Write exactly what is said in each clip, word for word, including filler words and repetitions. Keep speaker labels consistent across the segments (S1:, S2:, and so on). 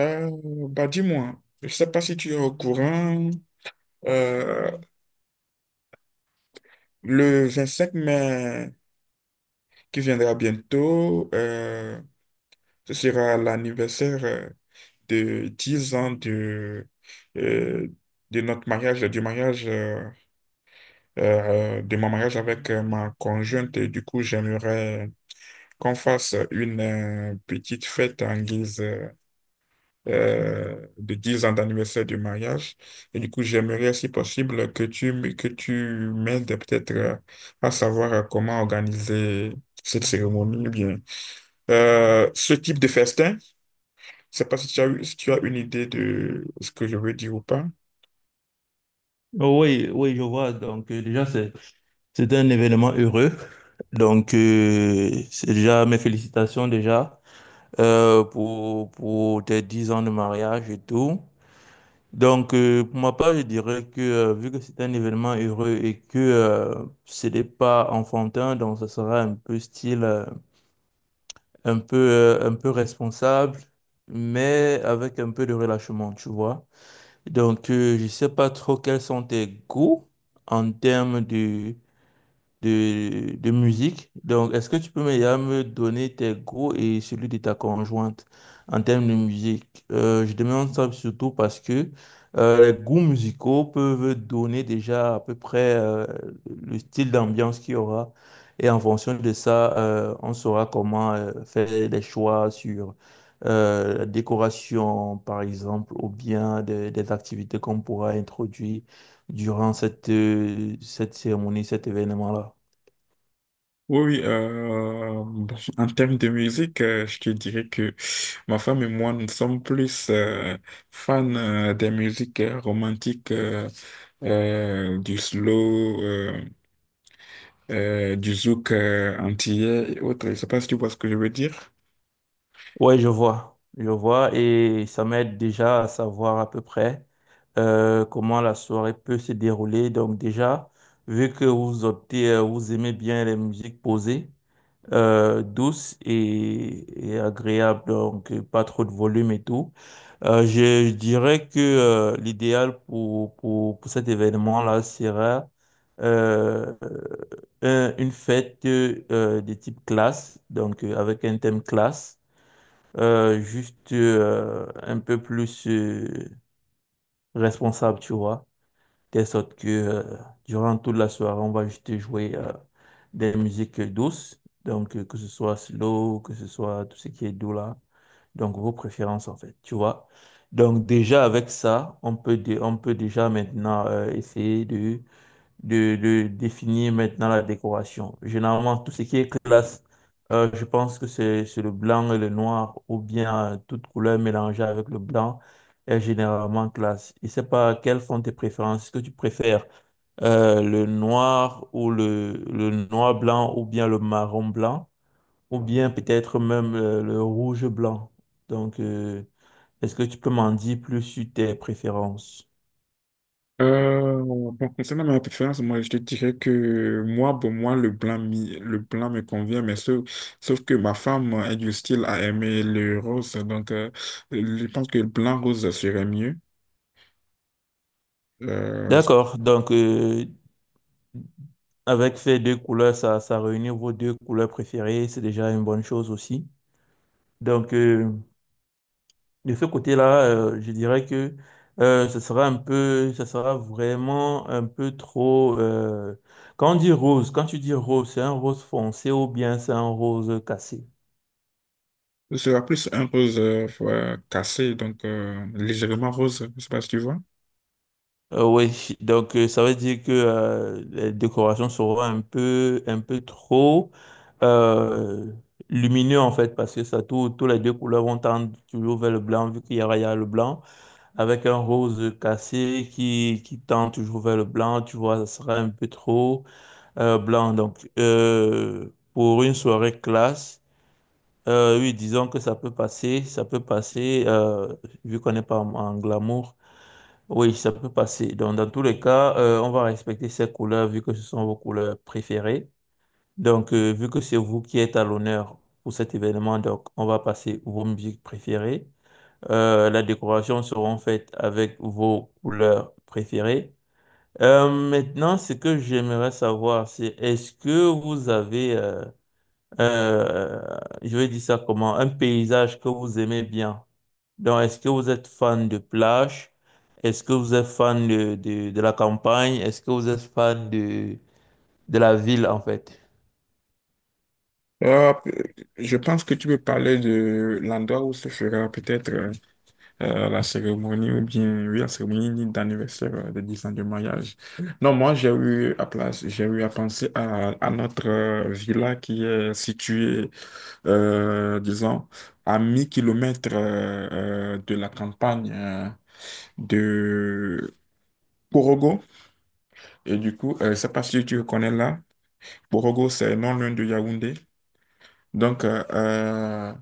S1: Euh, Bah dis-moi, je sais pas si tu es au courant, euh, le cinq mai qui viendra bientôt. Euh, ce sera l'anniversaire euh, de dix ans de, euh, de notre mariage, du mariage, euh, euh, de mon mariage avec euh, ma conjointe. Et du coup, j'aimerais qu'on fasse une euh, petite fête en guise euh, euh, de dix ans d'anniversaire du mariage. Et du coup, j'aimerais, si possible, que tu, m- que tu m'aides peut-être euh, à savoir euh, comment organiser cette cérémonie ou bien euh, ce type de festin. Je sais pas si tu as, eu- si tu as une idée de ce que je veux dire ou pas.
S2: Oui, oui, je vois. Donc, euh, déjà, c'est, c'est un événement heureux. Donc, euh, c'est déjà mes félicitations déjà euh, pour, pour tes dix ans de mariage et tout. Donc, euh, pour ma part, je dirais que euh, vu que c'est un événement heureux et que euh, ce n'est pas enfantin, donc ça sera un peu style, euh, un peu, euh, un peu responsable, mais avec un peu de relâchement, tu vois. Donc, euh, je sais pas trop quels sont tes goûts en termes de de, de musique. Donc, est-ce que tu peux déjà me donner tes goûts et celui de ta conjointe en termes de musique? Euh, je demande ça surtout parce que euh, les goûts musicaux peuvent donner déjà à peu près euh, le style d'ambiance qu'il y aura. Et en fonction de ça, euh, on saura comment euh, faire des choix sur euh, la décoration, par exemple, ou bien des des activités qu'on pourra introduire durant cette, euh, cette cérémonie, cet événement-là.
S1: Oui, oui, euh, bon, en termes de musique, euh, je te dirais que ma femme et moi, nous sommes plus euh, fans euh, des musiques euh, romantiques, euh, euh, du slow, euh, euh, du zouk euh, antillais et autres. Je ne sais pas si tu vois ce que je veux dire.
S2: Ouais, je vois, je vois, et ça m'aide déjà à savoir à peu près euh, comment la soirée peut se dérouler. Donc déjà, vu que vous optez, euh, vous aimez bien les musiques posées, euh, douces et, et agréables, donc euh, pas trop de volume et tout, euh, je, je dirais que euh, l'idéal pour, pour, pour cet événement-là sera euh, un- une fête euh, de type classe, donc euh, avec un thème classe euh, juste euh, un peu plus euh, responsable, tu vois. Telle sorte que euh, durant toute la soirée, on va juste jouer euh, des musiques douces. Donc, euh, que ce soit slow, que ce soit tout ce qui est doux là. Donc, vos préférences, en fait, tu vois. Donc, déjà avec ça, on peut, dé- on peut déjà maintenant euh, essayer de de, de définir maintenant la décoration. Généralement, tout ce qui est classe, euh, je pense que c'est c'est le blanc et le noir, ou bien euh, toute couleur mélangée avec le blanc est généralement classe. Je ne sais pas quelles sont tes préférences. Est-ce que tu préfères euh, le noir ou le, le noir blanc, ou bien le marron blanc, ou bien peut-être même euh, le rouge blanc. Donc, euh, est-ce que tu peux m'en dire plus sur tes préférences?
S1: Euh, bon, concernant ma préférence, moi, je te dirais que moi, pour moi, le blanc, mi- le blanc me convient, mais sauf, sauf que ma femme est du style à aimer le rose, donc euh, je pense que le blanc rose serait mieux. Euh,
S2: D'accord, donc euh, avec ces deux couleurs, ça, ça réunit vos deux couleurs préférées, c'est déjà une bonne chose aussi. Donc, euh, de ce côté-là, euh, je dirais que euh, ce sera un peu, ce sera vraiment un peu trop. euh, Quand on dit rose, quand tu dis rose, c'est un rose foncé ou bien c'est un rose cassé?
S1: Ce sera plus un rose euh, euh, cassé, donc euh, légèrement rose, je sais pas si tu vois.
S2: Euh, oui, donc euh, ça veut dire que euh, les décorations seront un peu, un peu trop euh, lumineux en fait, parce que ça, tout, tous les deux couleurs vont tendre toujours vers le blanc, vu qu'il y aura, il y a le blanc, avec un rose cassé qui, qui tend toujours vers le blanc, tu vois, ça sera un peu trop euh, blanc. Donc, euh, pour une soirée classe, euh, oui, disons que ça peut passer, ça peut passer, euh, vu qu'on n'est pas en en glamour. Oui, ça peut passer. Donc, dans tous les cas, euh, on va respecter ces couleurs vu que ce sont vos couleurs préférées. Donc, euh, vu que c'est vous qui êtes à l'honneur pour cet événement, donc on va passer vos musiques préférées. Euh, la décoration sera faite avec vos couleurs préférées. Euh, maintenant, ce que j'aimerais savoir, c'est est-ce que vous avez euh, euh, je vais dire ça comment, un paysage que vous aimez bien. Donc, est-ce que vous êtes fan de plage? Est-ce que vous êtes fan de, de, de la campagne? Est-ce que vous êtes fan de, de la ville, en fait?
S1: Euh, je pense que tu peux parler de l'endroit où se fera peut-être euh, euh, la cérémonie, ou bien oui, la cérémonie d'anniversaire euh, de dix ans de mariage. Non, moi j'ai eu à place, j'ai eu à penser à, à notre euh, villa qui est située, euh, disons, à mille kilomètres euh, euh, de la campagne euh, de Corogo. Et du coup, euh, je sais pas si tu le connais là. Borogo, c'est non loin de Yaoundé. Donc, euh, euh,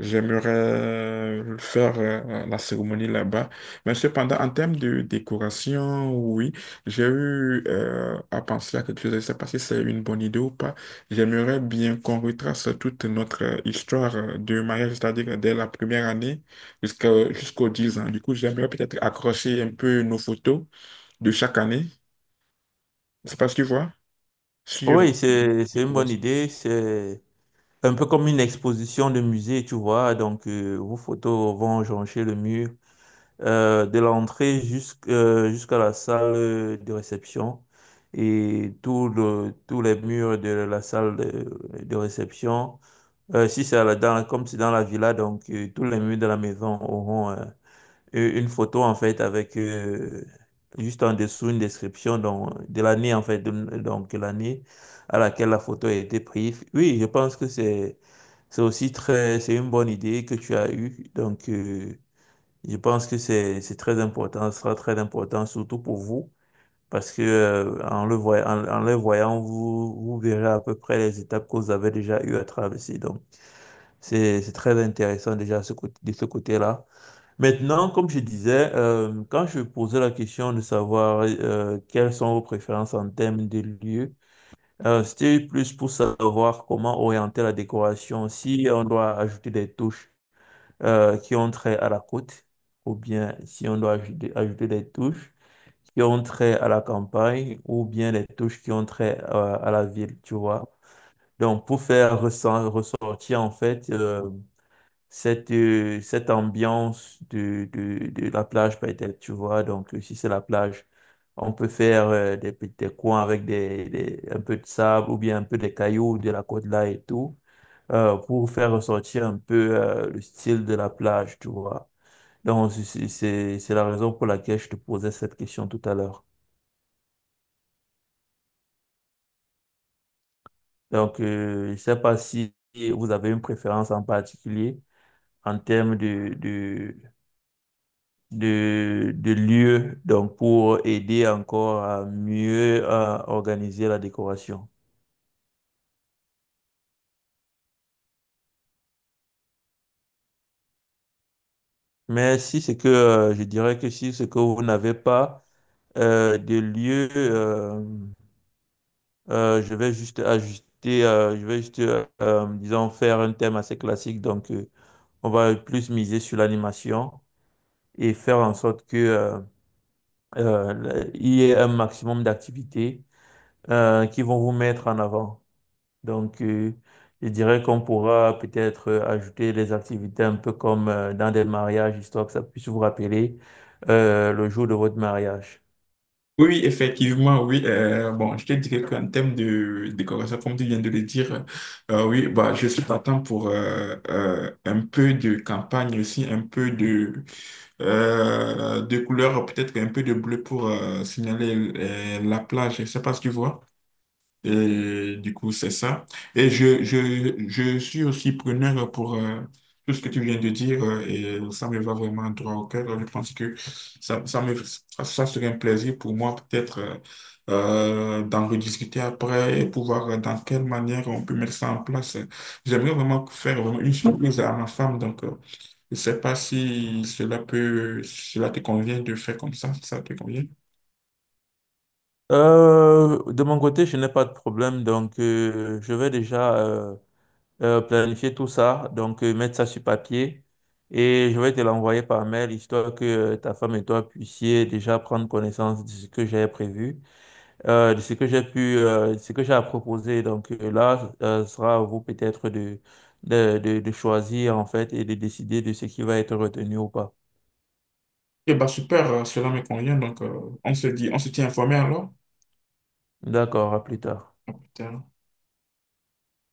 S1: j'aimerais faire euh, la cérémonie là-bas. Mais cependant, en termes de décoration, oui, j'ai eu euh, à penser à quelque chose. Je ne sais pas si c'est une bonne idée ou pas. J'aimerais bien qu'on retrace toute notre euh, histoire euh, de mariage, c'est-à-dire dès la première année jusqu'à, jusqu'aux dix ans. Du coup, j'aimerais peut-être accrocher un peu nos photos de chaque année. Je ne sais pas si tu vois. Sur euh,
S2: Oui, c'est,
S1: les
S2: c'est une bonne
S1: croissants.
S2: idée. C'est un peu comme une exposition de musée, tu vois. Donc, euh, vos photos vont joncher le mur. euh, de l'entrée jusqu'- euh, jusqu'à la salle de réception. Et tout le, tous les murs de la salle de, de réception, euh, si c'est à la- dans, comme c'est dans la villa, donc euh, tous les murs de la maison auront euh, une photo en fait avec euh, juste en dessous une description donc, de l'année en fait, de- donc l'année à laquelle la photo a été prise. Oui, je pense que c'est c'est aussi très, c'est une bonne idée que tu as eue. Donc, euh, je pense que c'est c'est très important, ce sera très important, surtout pour vous, parce que euh, en le voy- en, en les voyant, vous, vous verrez à peu près les étapes que vous avez déjà eu à traverser. Donc, c'est c'est très intéressant déjà ce côté, de ce côté-là. Maintenant, comme je disais, euh, quand je posais la question de savoir euh, quelles sont vos préférences en termes de lieux, euh, c'était plus pour savoir comment orienter la décoration, si on doit ajouter des touches euh, qui ont trait à la côte, ou bien si on doit ajouter, ajouter des touches qui ont trait à la campagne, ou bien des touches qui ont trait euh, à la ville, tu vois. Donc, pour faire ressent- ressortir, en fait, euh, cette, euh, cette ambiance de, de, de la plage, peut-être, tu vois. Donc, euh, si c'est la plage, on peut faire euh, des, petits- des coins avec des, des- un peu de sable ou bien un peu des cailloux de la côte là et tout, euh, pour faire ressortir un peu euh, le style de la plage, tu vois. Donc, c'est c'est- c'est- la raison pour laquelle je te posais cette question tout à l'heure. Donc, euh, je ne sais pas si vous avez une préférence en particulier en termes de, de, de, de lieu, donc pour aider encore à mieux à organiser la décoration. Mais si c'est que, euh, je dirais que si c'est que vous n'avez pas euh, de lieu, euh, euh, je vais juste ajuster, euh, je vais juste, euh, euh, disons, faire un thème assez classique. Donc, euh, on va plus miser sur l'animation et faire en sorte que euh, euh, il y ait un maximum d'activités euh, qui vont vous mettre en avant. Donc, euh, je dirais qu'on pourra peut-être euh, ajouter les activités un peu comme euh, dans des mariages, histoire que ça puisse vous rappeler euh, le jour de votre mariage.
S1: Oui, oui, effectivement, oui. Euh, bon, je te dirais qu'en termes de décoration, comme tu viens de le dire, euh, oui, bah, je suis partant pour euh, euh, un peu de campagne aussi, un peu de, euh, de couleur, peut-être un peu de bleu pour euh, signaler euh, la plage. Je sais pas si tu vois. Et du coup, c'est ça. Et je, je, je suis aussi preneur pour euh, tout ce que tu viens de dire euh, et ça me va vraiment droit au cœur. Je pense que ça, ça me, ça serait un plaisir pour moi peut-être euh, euh, d'en rediscuter après et pouvoir euh, dans quelle manière on peut mettre ça en place. J'aimerais vraiment faire vraiment une surprise à ma femme. Donc, euh, je sais pas si cela peut, si cela te convient de faire comme ça, si ça te convient.
S2: Euh, de mon côté, je n'ai pas de problème, donc euh, je vais déjà euh, euh, planifier tout ça, donc euh, mettre ça sur papier. Et je vais te l'envoyer par mail, histoire que euh, ta femme et toi puissiez déjà prendre connaissance de ce que j'ai prévu, euh, de ce que j'ai pu, euh, de ce que j'ai à proposer. Donc euh, là, euh, sera à vous peut-être de, de, de, de choisir en fait et de décider de ce qui va être retenu ou pas.
S1: Eh ben super, euh, cela me convient. Donc, euh, on se dit, on se tient informé alors.
S2: D'accord, à plus tard.
S1: Putain.